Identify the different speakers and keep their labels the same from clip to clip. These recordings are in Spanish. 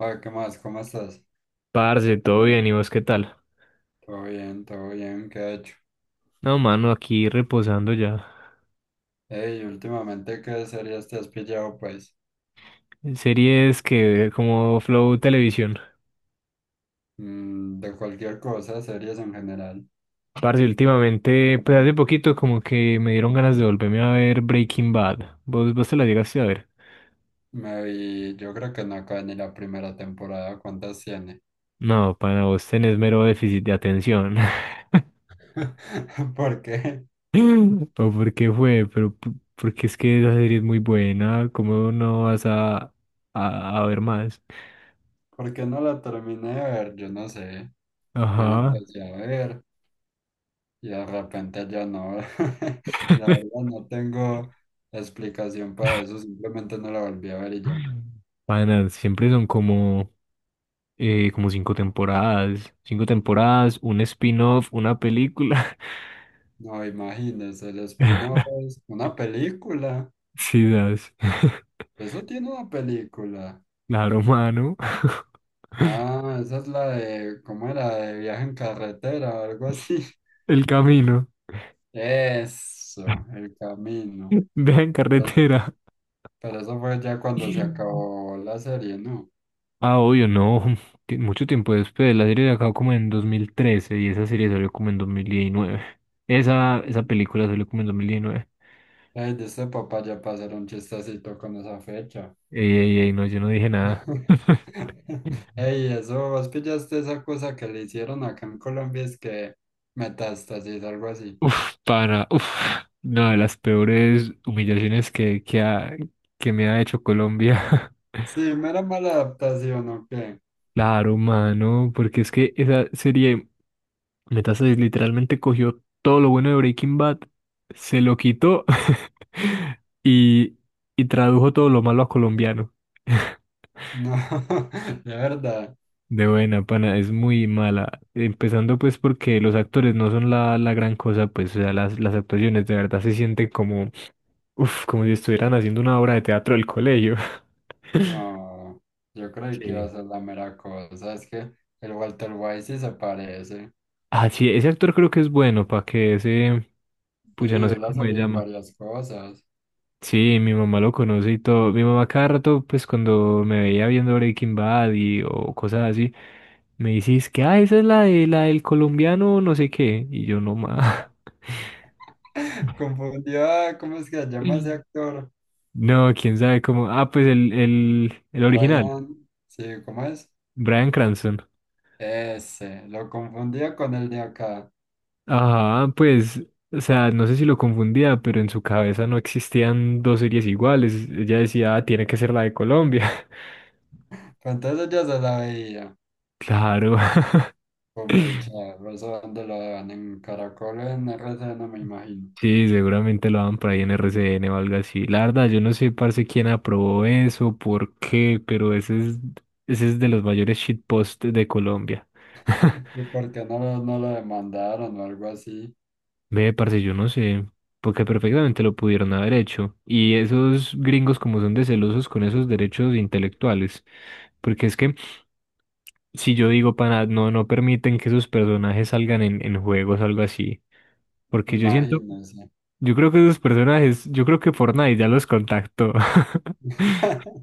Speaker 1: Ah, ¿qué más? ¿Cómo estás?
Speaker 2: Parce, todo bien, ¿y vos qué tal?
Speaker 1: Todo bien, ¿qué ha hecho?
Speaker 2: No, mano, aquí reposando ya.
Speaker 1: Ey, últimamente, ¿qué series te has pillado, pues?
Speaker 2: Series que como Flow Televisión.
Speaker 1: De cualquier cosa, series en general.
Speaker 2: Parce, últimamente, pues hace poquito como que me dieron ganas de volverme a ver Breaking Bad. ¿Vos te la llegaste a ver?
Speaker 1: Me vi, yo creo que no acabé ni la primera temporada, ¿cuántas tiene?
Speaker 2: No, para vos tenés mero déficit de atención.
Speaker 1: ¿Por qué?
Speaker 2: ¿O por qué fue? Pero porque es que esa serie es muy buena, ¿cómo no vas a ver más?
Speaker 1: ¿Por qué no la terminé de ver? Yo no sé. Yo la
Speaker 2: Ajá.
Speaker 1: empecé a ver y de repente ya no. La verdad, no tengo explicación para eso, simplemente no la volví a ver y ya.
Speaker 2: Panas, siempre son como, como cinco temporadas, un spin-off, una película.
Speaker 1: No, imagínese, el spin-off es una película.
Speaker 2: Sí, das.
Speaker 1: Eso tiene una película.
Speaker 2: Claro, mano.
Speaker 1: Ah, esa es la de, ¿cómo era? De viaje en carretera o algo así.
Speaker 2: El camino.
Speaker 1: Eso, el camino.
Speaker 2: deja en
Speaker 1: Pero,
Speaker 2: carretera.
Speaker 1: pero eso fue ya cuando se acabó la serie, ¿no?
Speaker 2: Ah, obvio, no. Mucho tiempo después. La serie de acá como en 2013 y esa serie salió como en 2019. Esa película salió como en 2019.
Speaker 1: Ay, dice papá ya para hacer un chistecito con esa fecha.
Speaker 2: Ey, ey, ey, no, yo no dije nada.
Speaker 1: Ey, eso, vos pillaste esa cosa que le hicieron acá en Colombia, es que metástasis, algo así.
Speaker 2: Uf, pana, uf, una de las peores humillaciones que me ha hecho Colombia.
Speaker 1: Sí, mera mala adaptación, ¿o qué?
Speaker 2: Claro, mano, porque es que esa serie Metástasis literalmente cogió todo lo bueno de Breaking Bad, se lo quitó y, y tradujo todo lo malo a colombiano.
Speaker 1: No, de verdad,
Speaker 2: De buena, pana, es muy mala. Empezando pues porque los actores no son la gran cosa, pues o sea, las actuaciones de verdad se sienten como uf, como si estuvieran haciendo una obra de teatro del colegio.
Speaker 1: no. Yo creí que iba a
Speaker 2: Sí.
Speaker 1: ser la mera cosa. Es que el Walter White sí se parece.
Speaker 2: Ah, sí, ese actor creo que es bueno, para que ese,
Speaker 1: Sí,
Speaker 2: pucha, no sé
Speaker 1: él ha
Speaker 2: cómo se
Speaker 1: salido en
Speaker 2: llama.
Speaker 1: varias cosas.
Speaker 2: Sí, mi mamá lo conoce y todo. Mi mamá cada rato, pues cuando me veía viendo Breaking Bad y o cosas así, me decís que, ah, esa es la de la del colombiano, no sé qué. Y yo no más.
Speaker 1: Confundió a, ¿cómo es que se llama ese actor?
Speaker 2: No, quién sabe cómo. Ah, pues el original,
Speaker 1: Brian, sí, ¿cómo es?
Speaker 2: Bryan Cranston.
Speaker 1: Ese, lo confundía con el de acá.
Speaker 2: Ajá, pues, o sea, no sé si lo confundía, pero en su cabeza no existían dos series iguales. Ella decía, "Ah, tiene que ser la de Colombia".
Speaker 1: Pero entonces yo se la veía.
Speaker 2: Claro.
Speaker 1: Fue muy charro, eso donde lo dan en Caracol, en R C no me imagino.
Speaker 2: Sí, seguramente lo daban por ahí en RCN o algo así. La verdad, yo no sé, parce, quién aprobó eso, por qué, pero ese es de los mayores shitposts de Colombia.
Speaker 1: ¿Y por qué no, no lo demandaron o algo así?
Speaker 2: Ve, parce, yo no sé, porque perfectamente lo pudieron haber hecho. Y esos gringos como son de celosos con esos derechos intelectuales, porque es que si yo digo, pana, no, no permiten que sus personajes salgan en juegos o algo así. Porque yo siento,
Speaker 1: Imagínense.
Speaker 2: yo creo que esos personajes, yo creo que Fortnite ya los contactó.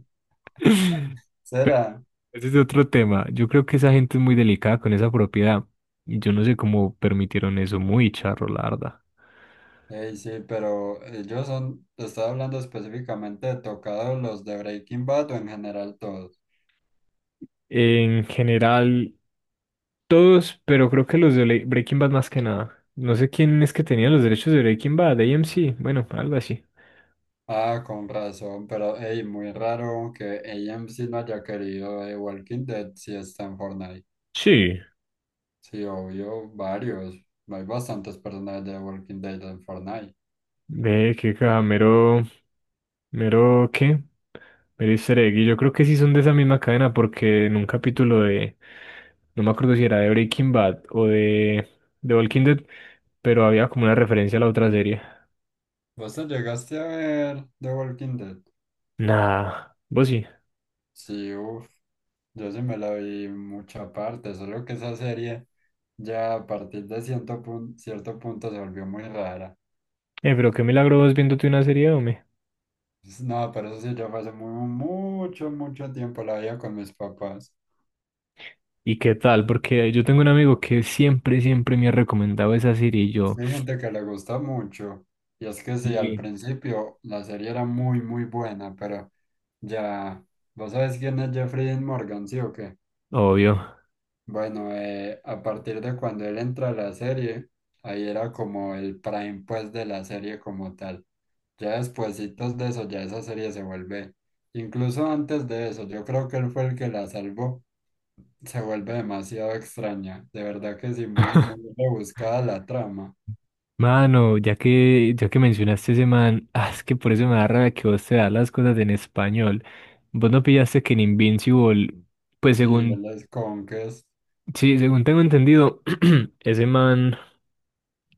Speaker 1: Será.
Speaker 2: Ese es otro tema. Yo creo que esa gente es muy delicada con esa propiedad. Y yo no sé cómo permitieron eso, muy charro, la verdad.
Speaker 1: Ey, sí, pero ellos son, estaba hablando específicamente de tocados los de Breaking Bad o en general todos.
Speaker 2: En general, todos, pero creo que los de Breaking Bad más que nada. No sé quién es que tenía los derechos de Breaking Bad, AMC, bueno, algo así.
Speaker 1: Ah, con razón, pero ey, muy raro que AMC no haya querido Walking Dead si está en Fortnite.
Speaker 2: Sí.
Speaker 1: Sí, obvio, varios. Hay bastantes personajes de Walking Dead en Fortnite.
Speaker 2: Ve, qué camero. Mero qué, mero easter egg, y yo creo que sí son de esa misma cadena porque en un capítulo de, no me acuerdo si era de Breaking Bad o de Walking Dead, pero había como una referencia a la otra serie.
Speaker 1: ¿Vos te llegaste a ver The Walking Dead?
Speaker 2: Nah, vos sí.
Speaker 1: Sí, uff, yo sí me la vi mucha parte, solo que esa serie ya a partir de cierto punto se volvió muy rara.
Speaker 2: Pero qué milagro vos viéndote una serie, hombre.
Speaker 1: No, pero eso sí, ya fue hace mucho, mucho tiempo la veía con mis papás.
Speaker 2: ¿Y qué tal? Porque yo tengo un amigo que siempre, siempre me ha recomendado esa serie y yo,
Speaker 1: Sí, hay gente que le gusta mucho. Y es que sí, al
Speaker 2: sí,
Speaker 1: principio la serie era muy, muy buena, pero ya, ¿vos sabés quién es Jeffrey Dean Morgan, sí o qué?
Speaker 2: obvio.
Speaker 1: Bueno, a partir de cuando él entra a la serie, ahí era como el prime pues de la serie como tal. Ya despuesitos de eso, ya esa serie se vuelve. Incluso antes de eso, yo creo que él fue el que la salvó, se vuelve demasiado extraña. De verdad que sí, muy, muy rebuscada la trama.
Speaker 2: Mano, ya que mencionaste ese man, ah, es que por eso me da rabia que vos te das las cosas en español. Vos no pillaste que en Invincible, pues
Speaker 1: Sí,
Speaker 2: según,
Speaker 1: él es Conques.
Speaker 2: sí, según tengo entendido, ese man,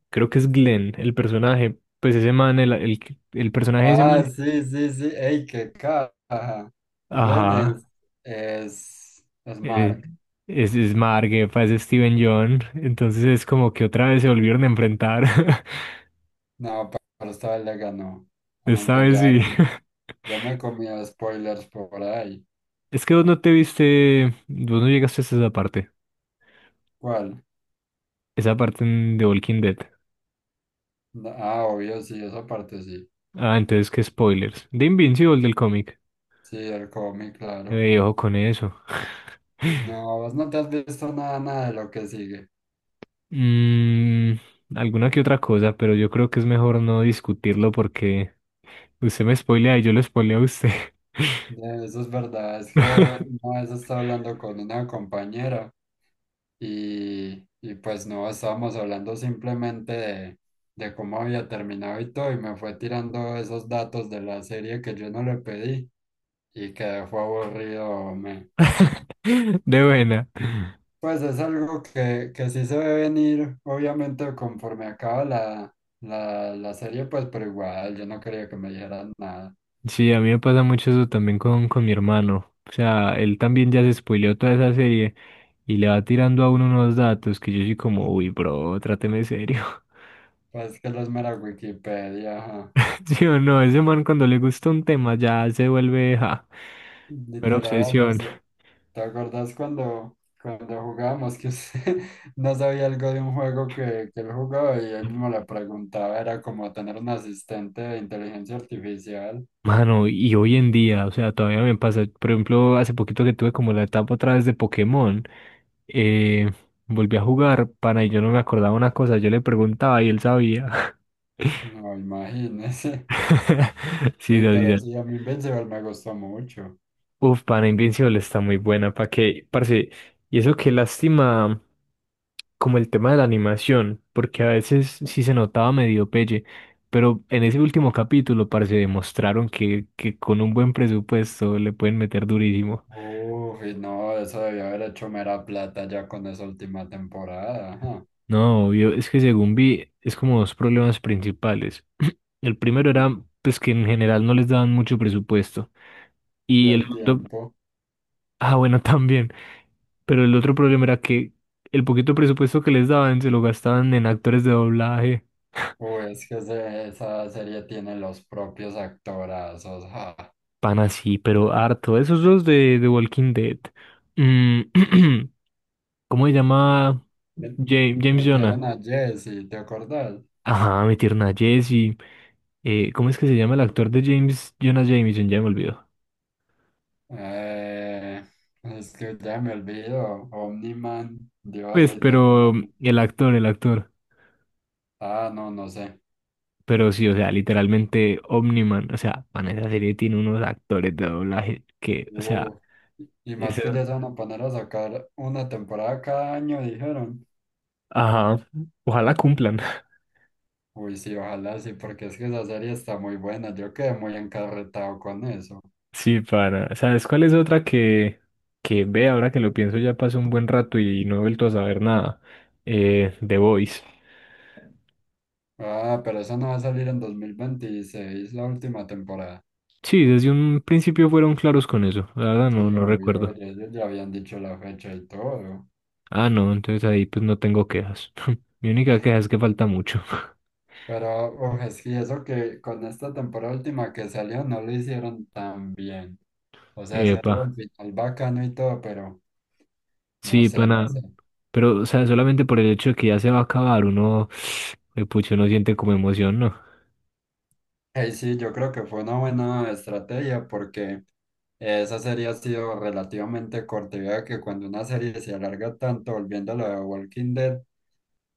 Speaker 2: creo que es Glenn, el personaje, pues ese man, el personaje de ese
Speaker 1: Ah,
Speaker 2: man,
Speaker 1: sí, sí, sí. ¡Ey, qué caja! Glenn
Speaker 2: ajá,
Speaker 1: es, es
Speaker 2: eh,
Speaker 1: Mark.
Speaker 2: es Marguefa, es Steven John, entonces es como que otra vez se volvieron a enfrentar,
Speaker 1: No, pero esta vez le ganó.
Speaker 2: esta
Speaker 1: Aunque
Speaker 2: vez
Speaker 1: ya,
Speaker 2: sí.
Speaker 1: ya me he comido spoilers por ahí.
Speaker 2: Es que vos no te viste, vos no llegaste hasta esa parte.
Speaker 1: ¿Cuál?
Speaker 2: Esa parte en The Walking Dead.
Speaker 1: No, ah, obvio, sí, esa parte sí.
Speaker 2: Ah, entonces, ¿qué spoilers? De Invincible del cómic.
Speaker 1: Sí, el cómic, claro.
Speaker 2: Ojo con eso.
Speaker 1: No, vos no te has visto nada, nada de lo que sigue.
Speaker 2: Mm, alguna que otra cosa, pero yo creo que es mejor no discutirlo porque usted me spoilea y yo lo spoileo a usted.
Speaker 1: Ya, eso es verdad, es que una vez estaba hablando con una compañera y pues no, estábamos hablando simplemente de cómo había terminado y todo y me fue tirando esos datos de la serie que yo no le pedí y que fue aburrido. Me...
Speaker 2: De buena.
Speaker 1: Pues es algo que sí se ve venir, obviamente conforme acaba la serie, pues pero igual yo no quería que me dijeran nada.
Speaker 2: Sí, a mí me pasa mucho eso también con, mi hermano. O sea, él también ya se spoileó toda esa serie y le va tirando a uno unos datos que yo soy como, uy, bro, tráteme serio.
Speaker 1: Pues que los mera Wikipedia, ajá.
Speaker 2: Sí o no, ese man cuando le gusta un tema ya se vuelve, ja, pero
Speaker 1: Literal, no
Speaker 2: obsesión.
Speaker 1: sé. ¿Te acordás cuando, cuando jugábamos que usted no sabía algo de un juego que él jugaba y él mismo le preguntaba? Era como tener un asistente de inteligencia artificial.
Speaker 2: Mano, y hoy en día, o sea, todavía me pasa, por ejemplo, hace poquito que tuve como la etapa otra vez de Pokémon, eh, volví a jugar, pana, y yo no me acordaba una cosa, yo le preguntaba y él sabía.
Speaker 1: No, imagínese.
Speaker 2: Sí,
Speaker 1: Uy,
Speaker 2: no, sí,
Speaker 1: pero
Speaker 2: no.
Speaker 1: sí, a mí Invincible me gustó mucho.
Speaker 2: Uf, pana, Invincible está muy buena, ¿para qué? Parce, y eso qué lástima. Como el tema de la animación, porque a veces sí se notaba medio pelle, pero en ese último capítulo parece demostraron que con un buen presupuesto le pueden meter durísimo.
Speaker 1: Uy, no, eso debió haber hecho mera plata ya con esa última temporada. Ajá.
Speaker 2: No, obvio, es que según vi, es como dos problemas principales. El primero
Speaker 1: Y
Speaker 2: era, pues, que en general no les daban mucho presupuesto.
Speaker 1: y
Speaker 2: Y el
Speaker 1: el
Speaker 2: segundo,
Speaker 1: tiempo.
Speaker 2: ah, bueno, también. Pero el otro problema era que el poquito presupuesto que les daban se lo gastaban en actores de doblaje.
Speaker 1: Uy, es que esa serie tiene los propios actorazos. Ja.
Speaker 2: Pan así, pero harto. Esos dos de The Walking Dead. Mm, ¿cómo se llama? James
Speaker 1: Metieron
Speaker 2: Jonah.
Speaker 1: a Jesse, ¿te acordás?
Speaker 2: Ajá, mi tierna Jessie. ¿Cómo es que se llama el actor de James Jonah Jameson? Ya me olvidó.
Speaker 1: Eh, es que ya me olvido. Omniman, Dios,
Speaker 2: Pues, pero
Speaker 1: literalmente.
Speaker 2: el actor.
Speaker 1: Ah, no, no sé.
Speaker 2: Pero sí, o sea, literalmente Omniman. O sea, man, esa serie tiene unos actores de doblaje que, o sea,
Speaker 1: Uh, y más
Speaker 2: eso.
Speaker 1: que ya se van a poner a sacar una temporada cada año, dijeron.
Speaker 2: Ajá. Ojalá cumplan.
Speaker 1: Uy, sí, ojalá sí, porque es que esa serie está muy buena. Yo quedé muy encarretado con eso.
Speaker 2: Sí, para. ¿Sabes cuál es otra que ve ahora que lo pienso ya pasó un buen rato y no he vuelto a saber nada? The Voice.
Speaker 1: Ah, pero eso no va a salir en 2026 la última temporada.
Speaker 2: Sí, desde un principio fueron claros con eso. La verdad no,
Speaker 1: Sí,
Speaker 2: no
Speaker 1: obvio,
Speaker 2: recuerdo.
Speaker 1: ellos ya habían dicho la fecha y todo.
Speaker 2: Ah, no, entonces ahí pues no tengo quejas. Mi única queja es que falta mucho.
Speaker 1: Pero uf, es que eso que con esta temporada última que salió no lo hicieron tan bien. O sea, sí
Speaker 2: Epa.
Speaker 1: tuvo el final bacano y todo, pero no
Speaker 2: Sí,
Speaker 1: sé, no
Speaker 2: pana.
Speaker 1: sé.
Speaker 2: Pero, o sea, solamente por el hecho de que ya se va a acabar, uno, pucho, no siente como emoción, ¿no?
Speaker 1: Hey, sí, yo creo que fue una buena estrategia porque esa serie ha sido relativamente corta. Y vea que cuando una serie se alarga tanto, volviendo a lo de Walking Dead,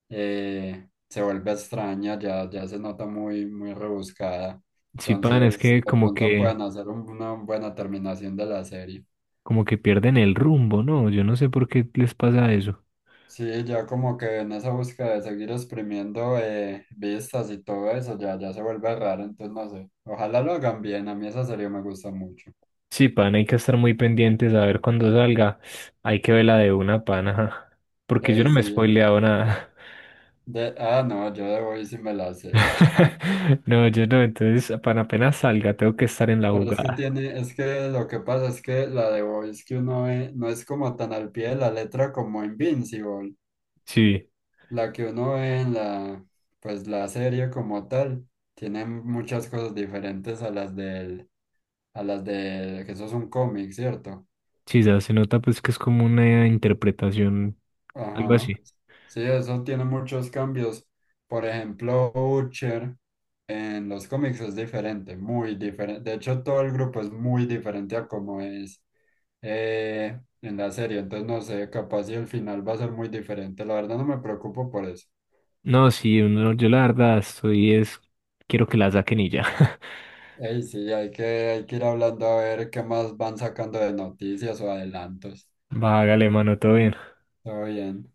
Speaker 1: se vuelve extraña, ya, ya se nota muy, muy rebuscada.
Speaker 2: Sí, pana, es
Speaker 1: Entonces,
Speaker 2: que
Speaker 1: de
Speaker 2: como
Speaker 1: pronto
Speaker 2: que,
Speaker 1: pueden hacer una buena terminación de la serie.
Speaker 2: como que pierden el rumbo, ¿no? Yo no sé por qué les pasa eso.
Speaker 1: Sí, ya como que en esa búsqueda de seguir exprimiendo vistas y todo eso, ya, ya se vuelve raro, entonces no sé. Ojalá lo hagan bien, a mí esa serie me gusta mucho.
Speaker 2: Sí, pan, hay que estar muy pendientes a ver cuándo salga. Hay que verla de una, pan, ajá.
Speaker 1: Y
Speaker 2: Porque yo
Speaker 1: ahí
Speaker 2: no me he
Speaker 1: sí,
Speaker 2: spoileado nada.
Speaker 1: de, ah, no, yo de Boys sí me la sé.
Speaker 2: No, yo no, entonces, pan, apenas salga, tengo que estar en la
Speaker 1: Pero es que
Speaker 2: jugada.
Speaker 1: tiene, es que lo que pasa es que la de Boys que uno ve no es como tan al pie de la letra como Invincible.
Speaker 2: Sí,
Speaker 1: La que uno ve en la, pues la serie como tal, tiene muchas cosas diferentes a las del, a las de, que eso es un cómic, ¿cierto?
Speaker 2: sí, ya se nota pues que es como una interpretación, algo
Speaker 1: Ajá.
Speaker 2: así.
Speaker 1: Sí, eso tiene muchos cambios. Por ejemplo, Butcher en los cómics es diferente, muy diferente. De hecho, todo el grupo es muy diferente a como es en la serie. Entonces, no sé, capaz si el final va a ser muy diferente. La verdad, no me preocupo por eso.
Speaker 2: No, sí, yo la verdad estoy es, quiero que la saquen y ya.
Speaker 1: Ey, sí, hay que ir hablando a ver qué más van sacando de noticias o adelantos.
Speaker 2: Vágale, mano, todo bien.
Speaker 1: Todo bien.